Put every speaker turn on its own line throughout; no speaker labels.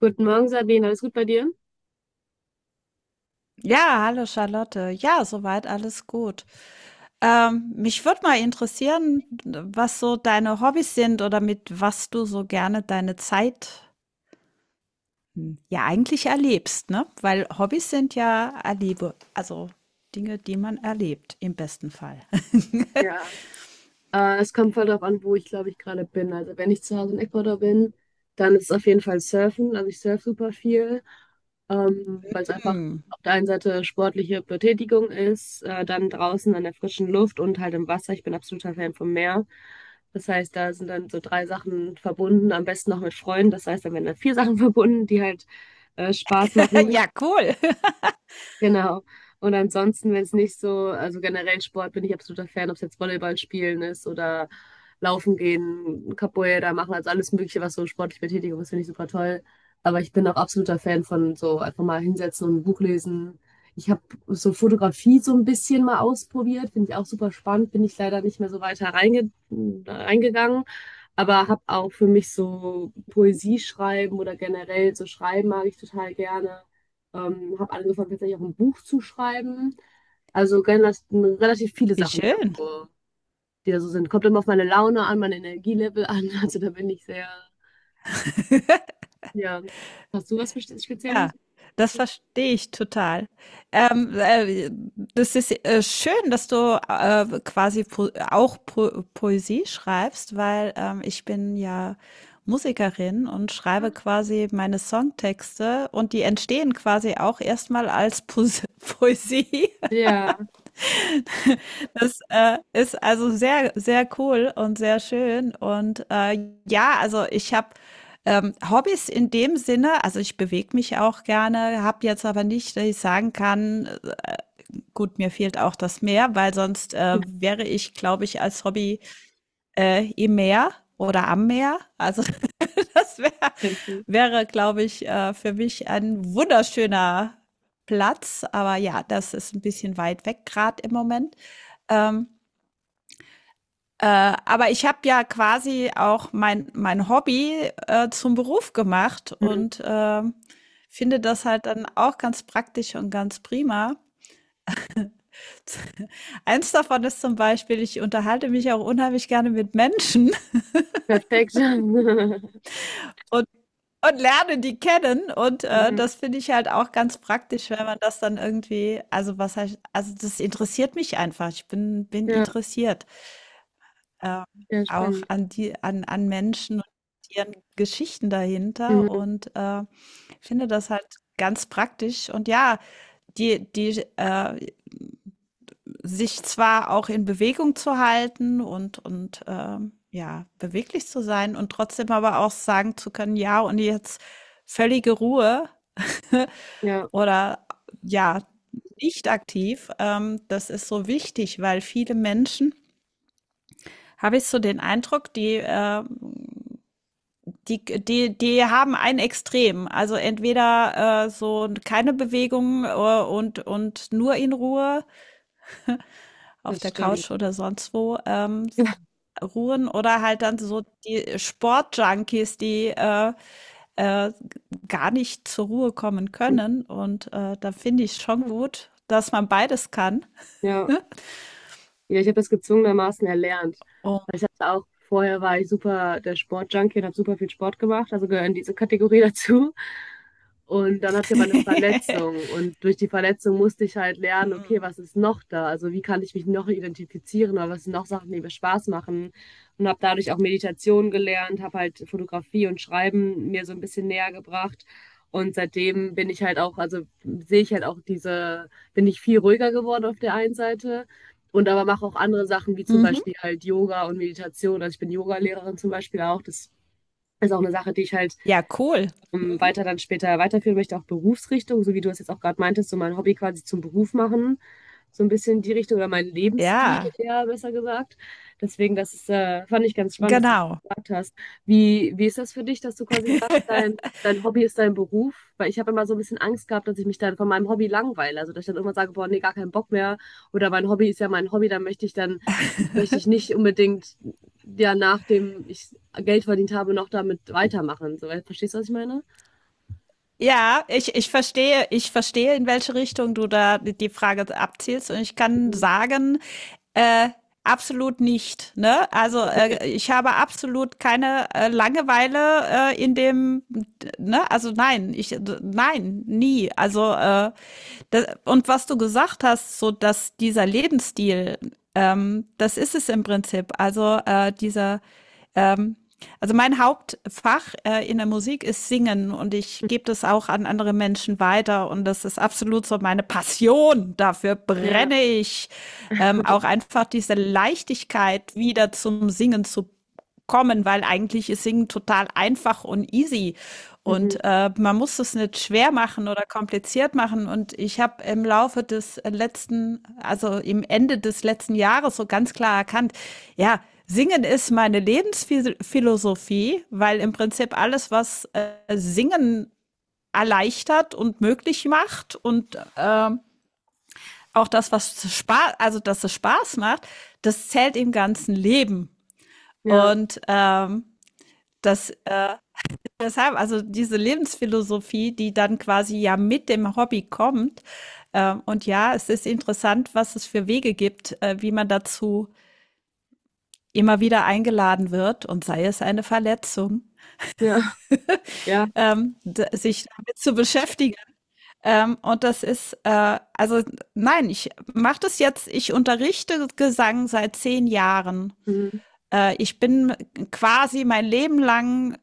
Guten Morgen, Sabine. Alles gut bei dir?
Ja, hallo Charlotte. Ja, soweit alles gut. Mich würde mal interessieren, was so deine Hobbys sind oder mit was du so gerne deine Zeit ja eigentlich erlebst, ne? Weil Hobbys sind ja Erlebe, also Dinge, die man erlebt, im besten Fall.
Ja, es kommt voll drauf an, wo ich glaube ich gerade bin. Also wenn ich zu Hause in Ecuador bin, dann ist es auf jeden Fall Surfen. Also ich surfe super viel, weil es einfach
Hm.
auf der einen Seite sportliche Betätigung ist, dann draußen an der frischen Luft und halt im Wasser. Ich bin absoluter Fan vom Meer. Das heißt, da sind dann so drei Sachen verbunden, am besten noch mit Freunden. Das heißt, dann werden dann vier Sachen verbunden, die halt Spaß machen.
Ja, cool.
Genau. Und ansonsten, wenn es nicht so, also generell Sport bin ich absoluter Fan, ob es jetzt Volleyball spielen ist oder laufen gehen, Capoeira machen, also alles Mögliche, was so sportlich Betätigung ist, finde ich super toll. Aber ich bin auch absoluter Fan von so einfach mal hinsetzen und ein Buch lesen. Ich habe so Fotografie so ein bisschen mal ausprobiert, finde ich auch super spannend, bin ich leider nicht mehr so weiter reingegangen. Aber habe auch für mich so Poesie schreiben oder generell so schreiben mag ich total gerne. Habe angefangen, tatsächlich auch ein Buch zu schreiben. Also generell relativ viele
Wie
Sachen,
schön.
die da so sind. Kommt immer auf meine Laune an, mein Energielevel an. Also da bin ich sehr, ja. Hast du was
Ja,
Spezielles?
das verstehe ich total. Ähm, äh, Das ist schön, dass du quasi po auch po Poesie schreibst, weil ich bin ja Musikerin und schreibe quasi meine Songtexte und die entstehen quasi auch erstmal als po Poesie.
Ja,
Das ist also sehr, sehr cool und sehr schön. Und ja, also ich habe Hobbys in dem Sinne, also ich bewege mich auch gerne, habe jetzt aber nicht, dass ich sagen kann, gut, mir fehlt auch das Meer, weil sonst wäre ich, glaube ich, als Hobby im Meer oder am Meer. Also das wär,
Fancy.
wäre, glaube ich, für mich ein wunderschöner Platz. Aber ja, das ist ein bisschen weit weg gerade im Moment. Ähm, aber ich habe ja quasi auch mein Hobby zum Beruf gemacht
Mhm.
und finde das halt dann auch ganz praktisch und ganz prima. Eins davon ist zum Beispiel, ich unterhalte mich auch unheimlich gerne mit Menschen
Perfekt.
und, und, lerne die kennen. Und
Mhm.
das finde ich halt auch ganz praktisch, wenn man das dann irgendwie, also was heißt, also das interessiert mich einfach. Ich bin
Ja,
interessiert. Äh,
ja,
Auch
spannend.
an Menschen und ihren Geschichten dahinter.
Mhm.
Und ich finde das halt ganz praktisch und ja, die sich zwar auch in Bewegung zu halten und ja, beweglich zu sein und trotzdem aber auch sagen zu können: „Ja, und jetzt völlige Ruhe.“
Ja,
Oder ja, nicht aktiv. Das ist so wichtig, weil viele Menschen, habe ich so den Eindruck, die haben ein Extrem. Also entweder so keine Bewegung und nur in Ruhe, auf
das
der Couch
stimmt.
oder sonst wo, ruhen oder halt dann so die Sportjunkies, die äh, gar nicht zur Ruhe kommen können. Und da finde ich schon gut, dass man beides kann.
Ja. Ja, ich habe das gezwungenermaßen erlernt.
Oh.
Weil ich hatte auch, vorher war ich super der Sportjunkie und habe super viel Sport gemacht, also gehöre in diese Kategorie dazu. Und dann hatte ich aber eine Verletzung und durch die Verletzung musste ich halt lernen, okay, was ist noch da? Also wie kann ich mich noch identifizieren oder was sind noch Sachen, die mir Spaß machen? Und habe dadurch auch Meditation gelernt, habe halt Fotografie und Schreiben mir so ein bisschen näher gebracht. Und seitdem bin ich halt auch, also sehe ich halt auch diese, bin ich viel ruhiger geworden auf der einen Seite und aber mache auch andere Sachen, wie zum
Mhm.
Beispiel halt Yoga und Meditation. Also ich bin Yogalehrerin zum Beispiel auch. Das ist auch eine Sache, die ich halt
Ja, cool. Mhm.
weiter dann später weiterführen möchte, auch Berufsrichtung, so wie du es jetzt auch gerade meintest, so mein Hobby quasi zum Beruf machen, so ein bisschen die Richtung oder mein Lebensstil
Ja,
eher besser gesagt. Deswegen, das ist, fand ich ganz spannend, dass du das
genau.
gesagt hast. Wie ist das für dich, dass du quasi sagst, dein Hobby ist dein Beruf? Weil ich habe immer so ein bisschen Angst gehabt, dass ich mich dann von meinem Hobby langweile. Also dass ich dann irgendwann sage, boah, nee, gar keinen Bock mehr. Oder mein Hobby ist ja mein Hobby, dann möchte ich nicht unbedingt ja nachdem ich Geld verdient habe, noch damit weitermachen. So, weil- verstehst du, was ich meine?
Ja, ich verstehe, in welche Richtung du da die Frage abzielst. Und ich kann
Mhm.
sagen, äh, absolut nicht. Ne? Also ich habe absolut keine Langeweile in dem, ne? Also nein, ich, nein, nie. Das, und was du gesagt hast, so, dass dieser Lebensstil, das ist es im Prinzip. Also dieser, ähm, also mein Hauptfach in der Musik ist Singen und ich gebe das auch an andere Menschen weiter und das ist absolut so meine Passion. Dafür
Ja,
brenne ich. Auch einfach diese Leichtigkeit wieder zum Singen zu kommen, weil eigentlich ist Singen total einfach und easy.
mhm.
Und man muss es nicht schwer machen oder kompliziert machen. Und ich habe im Laufe des letzten, also im Ende des letzten Jahres so ganz klar erkannt, ja, Singen ist meine Lebensphilosophie, weil im Prinzip alles, was Singen erleichtert und möglich macht und auch das, was Spaß, also dass es Spaß macht, das zählt im ganzen Leben.
Ja,
Und das, äh deshalb, also diese Lebensphilosophie, die dann quasi ja mit dem Hobby kommt. Und ja, es ist interessant, was es für Wege gibt, wie man dazu immer wieder eingeladen wird und sei es eine Verletzung,
ja, ja,
sich damit zu beschäftigen. Und das ist, also nein, ich mache das jetzt, ich unterrichte Gesang seit 10 Jahren.
mhm.
Ich bin quasi mein Leben lang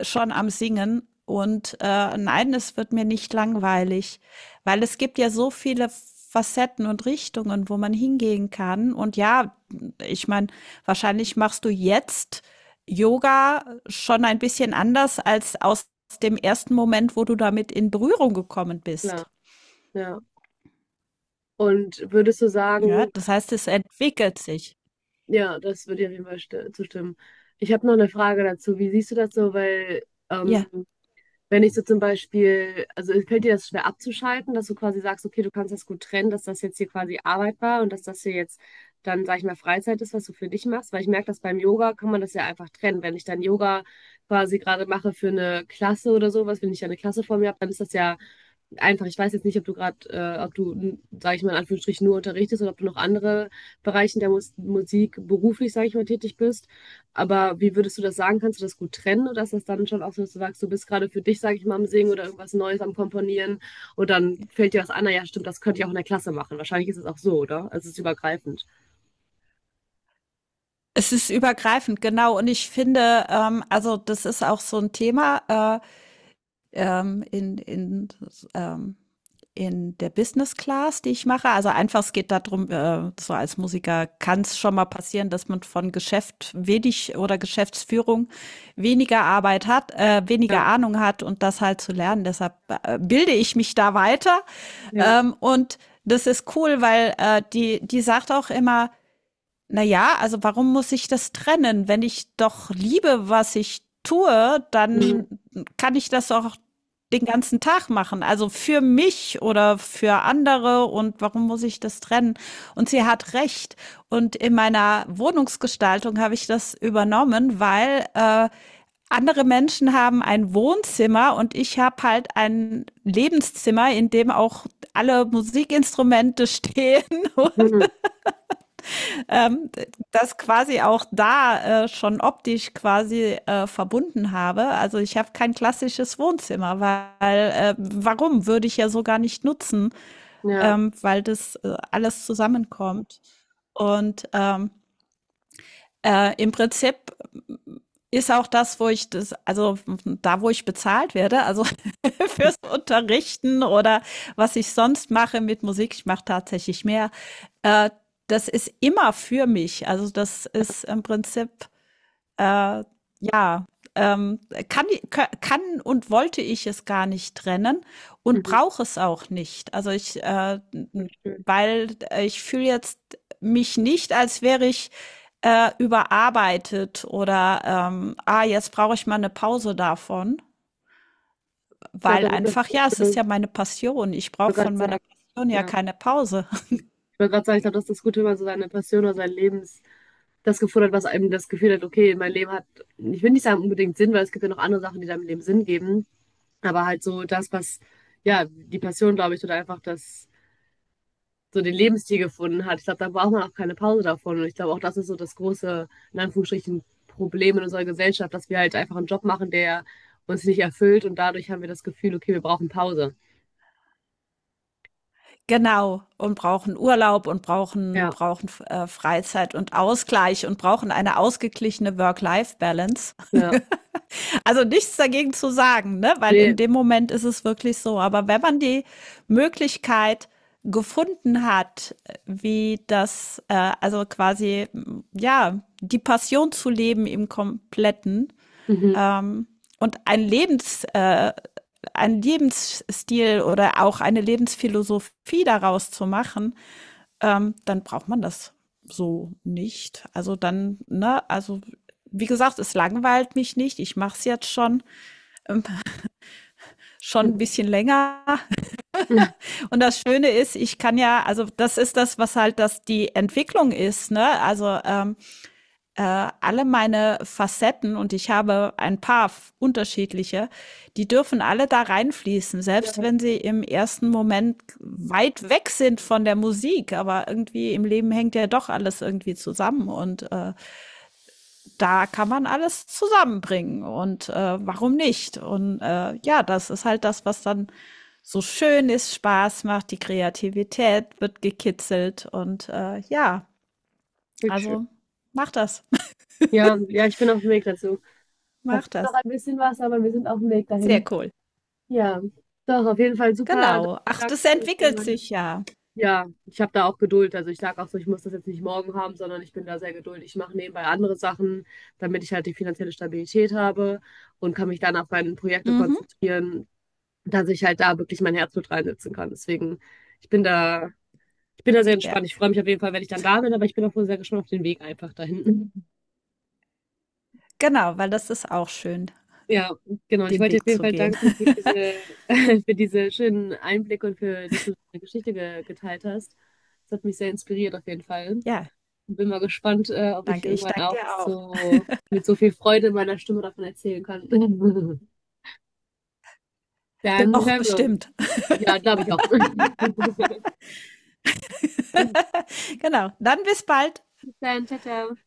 schon am Singen. Und nein, es wird mir nicht langweilig, weil es gibt ja so viele Facetten und Richtungen, wo man hingehen kann. Und ja, ich meine, wahrscheinlich machst du jetzt Yoga schon ein bisschen anders als aus dem ersten Moment, wo du damit in Berührung gekommen
Klar,
bist.
ja. Und würdest du
Ja,
sagen,
das heißt, es entwickelt sich.
ja, das würde ich auf jeden Fall zustimmen. Ich habe noch eine Frage dazu. Wie siehst du das so? Weil
Ja,
ähm, wenn ich so zum Beispiel, also fällt dir das schwer abzuschalten, dass du quasi sagst, okay, du kannst das gut trennen, dass das jetzt hier quasi Arbeit war und dass das hier jetzt dann, sag ich mal, Freizeit ist, was du für dich machst, weil ich merke, dass beim Yoga kann man das ja einfach trennen. Wenn ich dann Yoga quasi gerade mache für eine Klasse oder so was, wenn ich ja eine Klasse vor mir habe, dann ist das ja einfach, ich weiß jetzt nicht, ob du gerade, ob du, sage ich mal in Anführungsstrichen, nur unterrichtest oder ob du noch andere Bereiche der Musik beruflich, sage ich mal, tätig bist. Aber wie würdest du das sagen? Kannst du das gut trennen oder ist das dann schon auch so, dass du sagst, du bist gerade für dich, sage ich mal, am Singen oder irgendwas Neues am Komponieren und dann fällt dir was an, na ja, stimmt, das könnte ich auch in der Klasse machen. Wahrscheinlich ist es auch so, oder? Also es ist übergreifend.
es ist übergreifend, genau. Und ich finde, also das ist auch so ein Thema. Ähm, in, in, ähm, in der Business Class, die ich mache. Also einfach, es geht darum, so als Musiker kann es schon mal passieren, dass man von Geschäft wenig oder Geschäftsführung weniger Arbeit hat, weniger
Ja,
Ahnung hat und das halt zu lernen. Deshalb bilde ich mich da weiter.
ja.
Und das ist cool, weil die sagt auch immer, na ja, also warum muss ich das trennen? Wenn ich doch liebe, was ich tue,
Mhm.
dann kann ich das auch den ganzen Tag machen. Also für mich oder für andere und warum muss ich das trennen? Und sie hat recht. Und in meiner Wohnungsgestaltung habe ich das übernommen, weil andere Menschen haben ein Wohnzimmer und ich habe halt ein Lebenszimmer, in dem auch alle Musikinstrumente stehen,
Mhm.
das quasi auch da schon optisch quasi verbunden habe. Also ich habe kein klassisches Wohnzimmer, weil warum würde ich ja so gar nicht nutzen,
Ja,
weil das alles zusammenkommt. Und im Prinzip ist auch das, wo ich das, also da, wo ich bezahlt werde, also fürs Unterrichten oder was ich sonst mache mit Musik, ich mache tatsächlich mehr, äh, das ist immer für mich. Also das ist im Prinzip ähm, kann und wollte ich es gar nicht trennen und
mhm.
brauche es auch nicht.
Voll schön.
Weil ich fühle jetzt mich nicht, als wäre ich überarbeitet oder jetzt brauche ich mal eine Pause davon,
Ich
weil
glaube, das ist das,
einfach, ja,
ich
es ist
wollte
ja meine Passion. Ich brauche
gerade
von meiner
sagen.
Passion ja
Ja.
keine Pause.
Ich wollte gerade sagen, ich glaube, das ist das Gute, wenn man so seine Passion oder sein Lebens das gefordert, was einem das Gefühl hat, okay, mein Leben hat, ich will nicht sagen unbedingt Sinn, weil es gibt ja noch andere Sachen, die deinem Leben Sinn geben, aber halt so das, was, ja, die Passion, glaube ich, oder einfach das, so den Lebensstil gefunden hat. Ich glaube, da braucht man auch keine Pause davon und ich glaube, auch das ist so das große, in Anführungsstrichen, Problem in unserer Gesellschaft, dass wir halt einfach einen Job machen, der uns nicht erfüllt und dadurch haben wir das Gefühl, okay, wir brauchen Pause.
Genau. Und brauchen Urlaub und brauchen,
Ja,
brauchen äh, Freizeit und Ausgleich und brauchen eine ausgeglichene Work-Life-Balance.
ja,
Also nichts dagegen zu sagen, ne? Weil in
nee,
dem Moment ist es wirklich so. Aber wenn man die Möglichkeit gefunden hat, wie das, also quasi, ja, die Passion zu leben im Kompletten,
mhm.
ähm, und ein Lebensstil oder auch eine Lebensphilosophie daraus zu machen, dann braucht man das so nicht. Also dann, ne, also wie gesagt, es langweilt mich nicht. Ich mache es jetzt schon ein
Mhm.
bisschen länger. Und das Schöne ist, ich kann ja, also das ist das, was halt das die Entwicklung ist. Ne? Also alle meine Facetten und ich habe ein paar unterschiedliche, die dürfen alle da reinfließen, selbst
Ja,
wenn sie im ersten Moment weit weg sind von der Musik. Aber irgendwie im Leben hängt ja doch alles irgendwie zusammen und da kann man alles zusammenbringen und warum nicht? Und ja, das ist halt das, was dann so schön ist, Spaß macht, die Kreativität wird gekitzelt und ja,
schön.
also mach das.
Ja, ja, ich bin auf dem Weg dazu. Da
Mach
fehlt noch
das.
ein bisschen was, aber wir sind auf dem Weg
Sehr
dahin.
cool.
Ja, doch, auf jeden Fall super.
Genau. Ach, das
Dankeschön für
entwickelt
meine.
sich ja.
Ja, ich habe da auch Geduld. Also ich sage auch so, ich muss das jetzt nicht morgen haben, sondern ich bin da sehr geduldig. Ich mache nebenbei andere Sachen, damit ich halt die finanzielle Stabilität habe und kann mich dann auf meine Projekte
Mhm.
konzentrieren, dass ich halt da wirklich mein Herzblut reinsetzen kann. Deswegen, ich bin da, ich bin da sehr
Ja,
entspannt. Ich freue mich auf jeden Fall, wenn ich dann da bin, aber ich bin auch wohl sehr gespannt auf den Weg einfach dahin.
genau, weil das ist auch schön,
Ja, genau. Ich
den
wollte dir auf
Weg
jeden
zu
Fall
gehen.
danken für diese, für diese schönen Einblicke und für, dass du deine Geschichte ge geteilt hast. Das hat mich sehr inspiriert auf jeden Fall.
Ja,
Bin mal gespannt, ob ich
danke. Ich
irgendwann
danke
auch
dir auch.
so mit so viel Freude in meiner Stimme davon erzählen kann. Dann
Doch,
hören wir uns.
bestimmt.
Ja, glaube ich auch.
Genau. Dann bis bald.
Bis dann, ciao, ciao.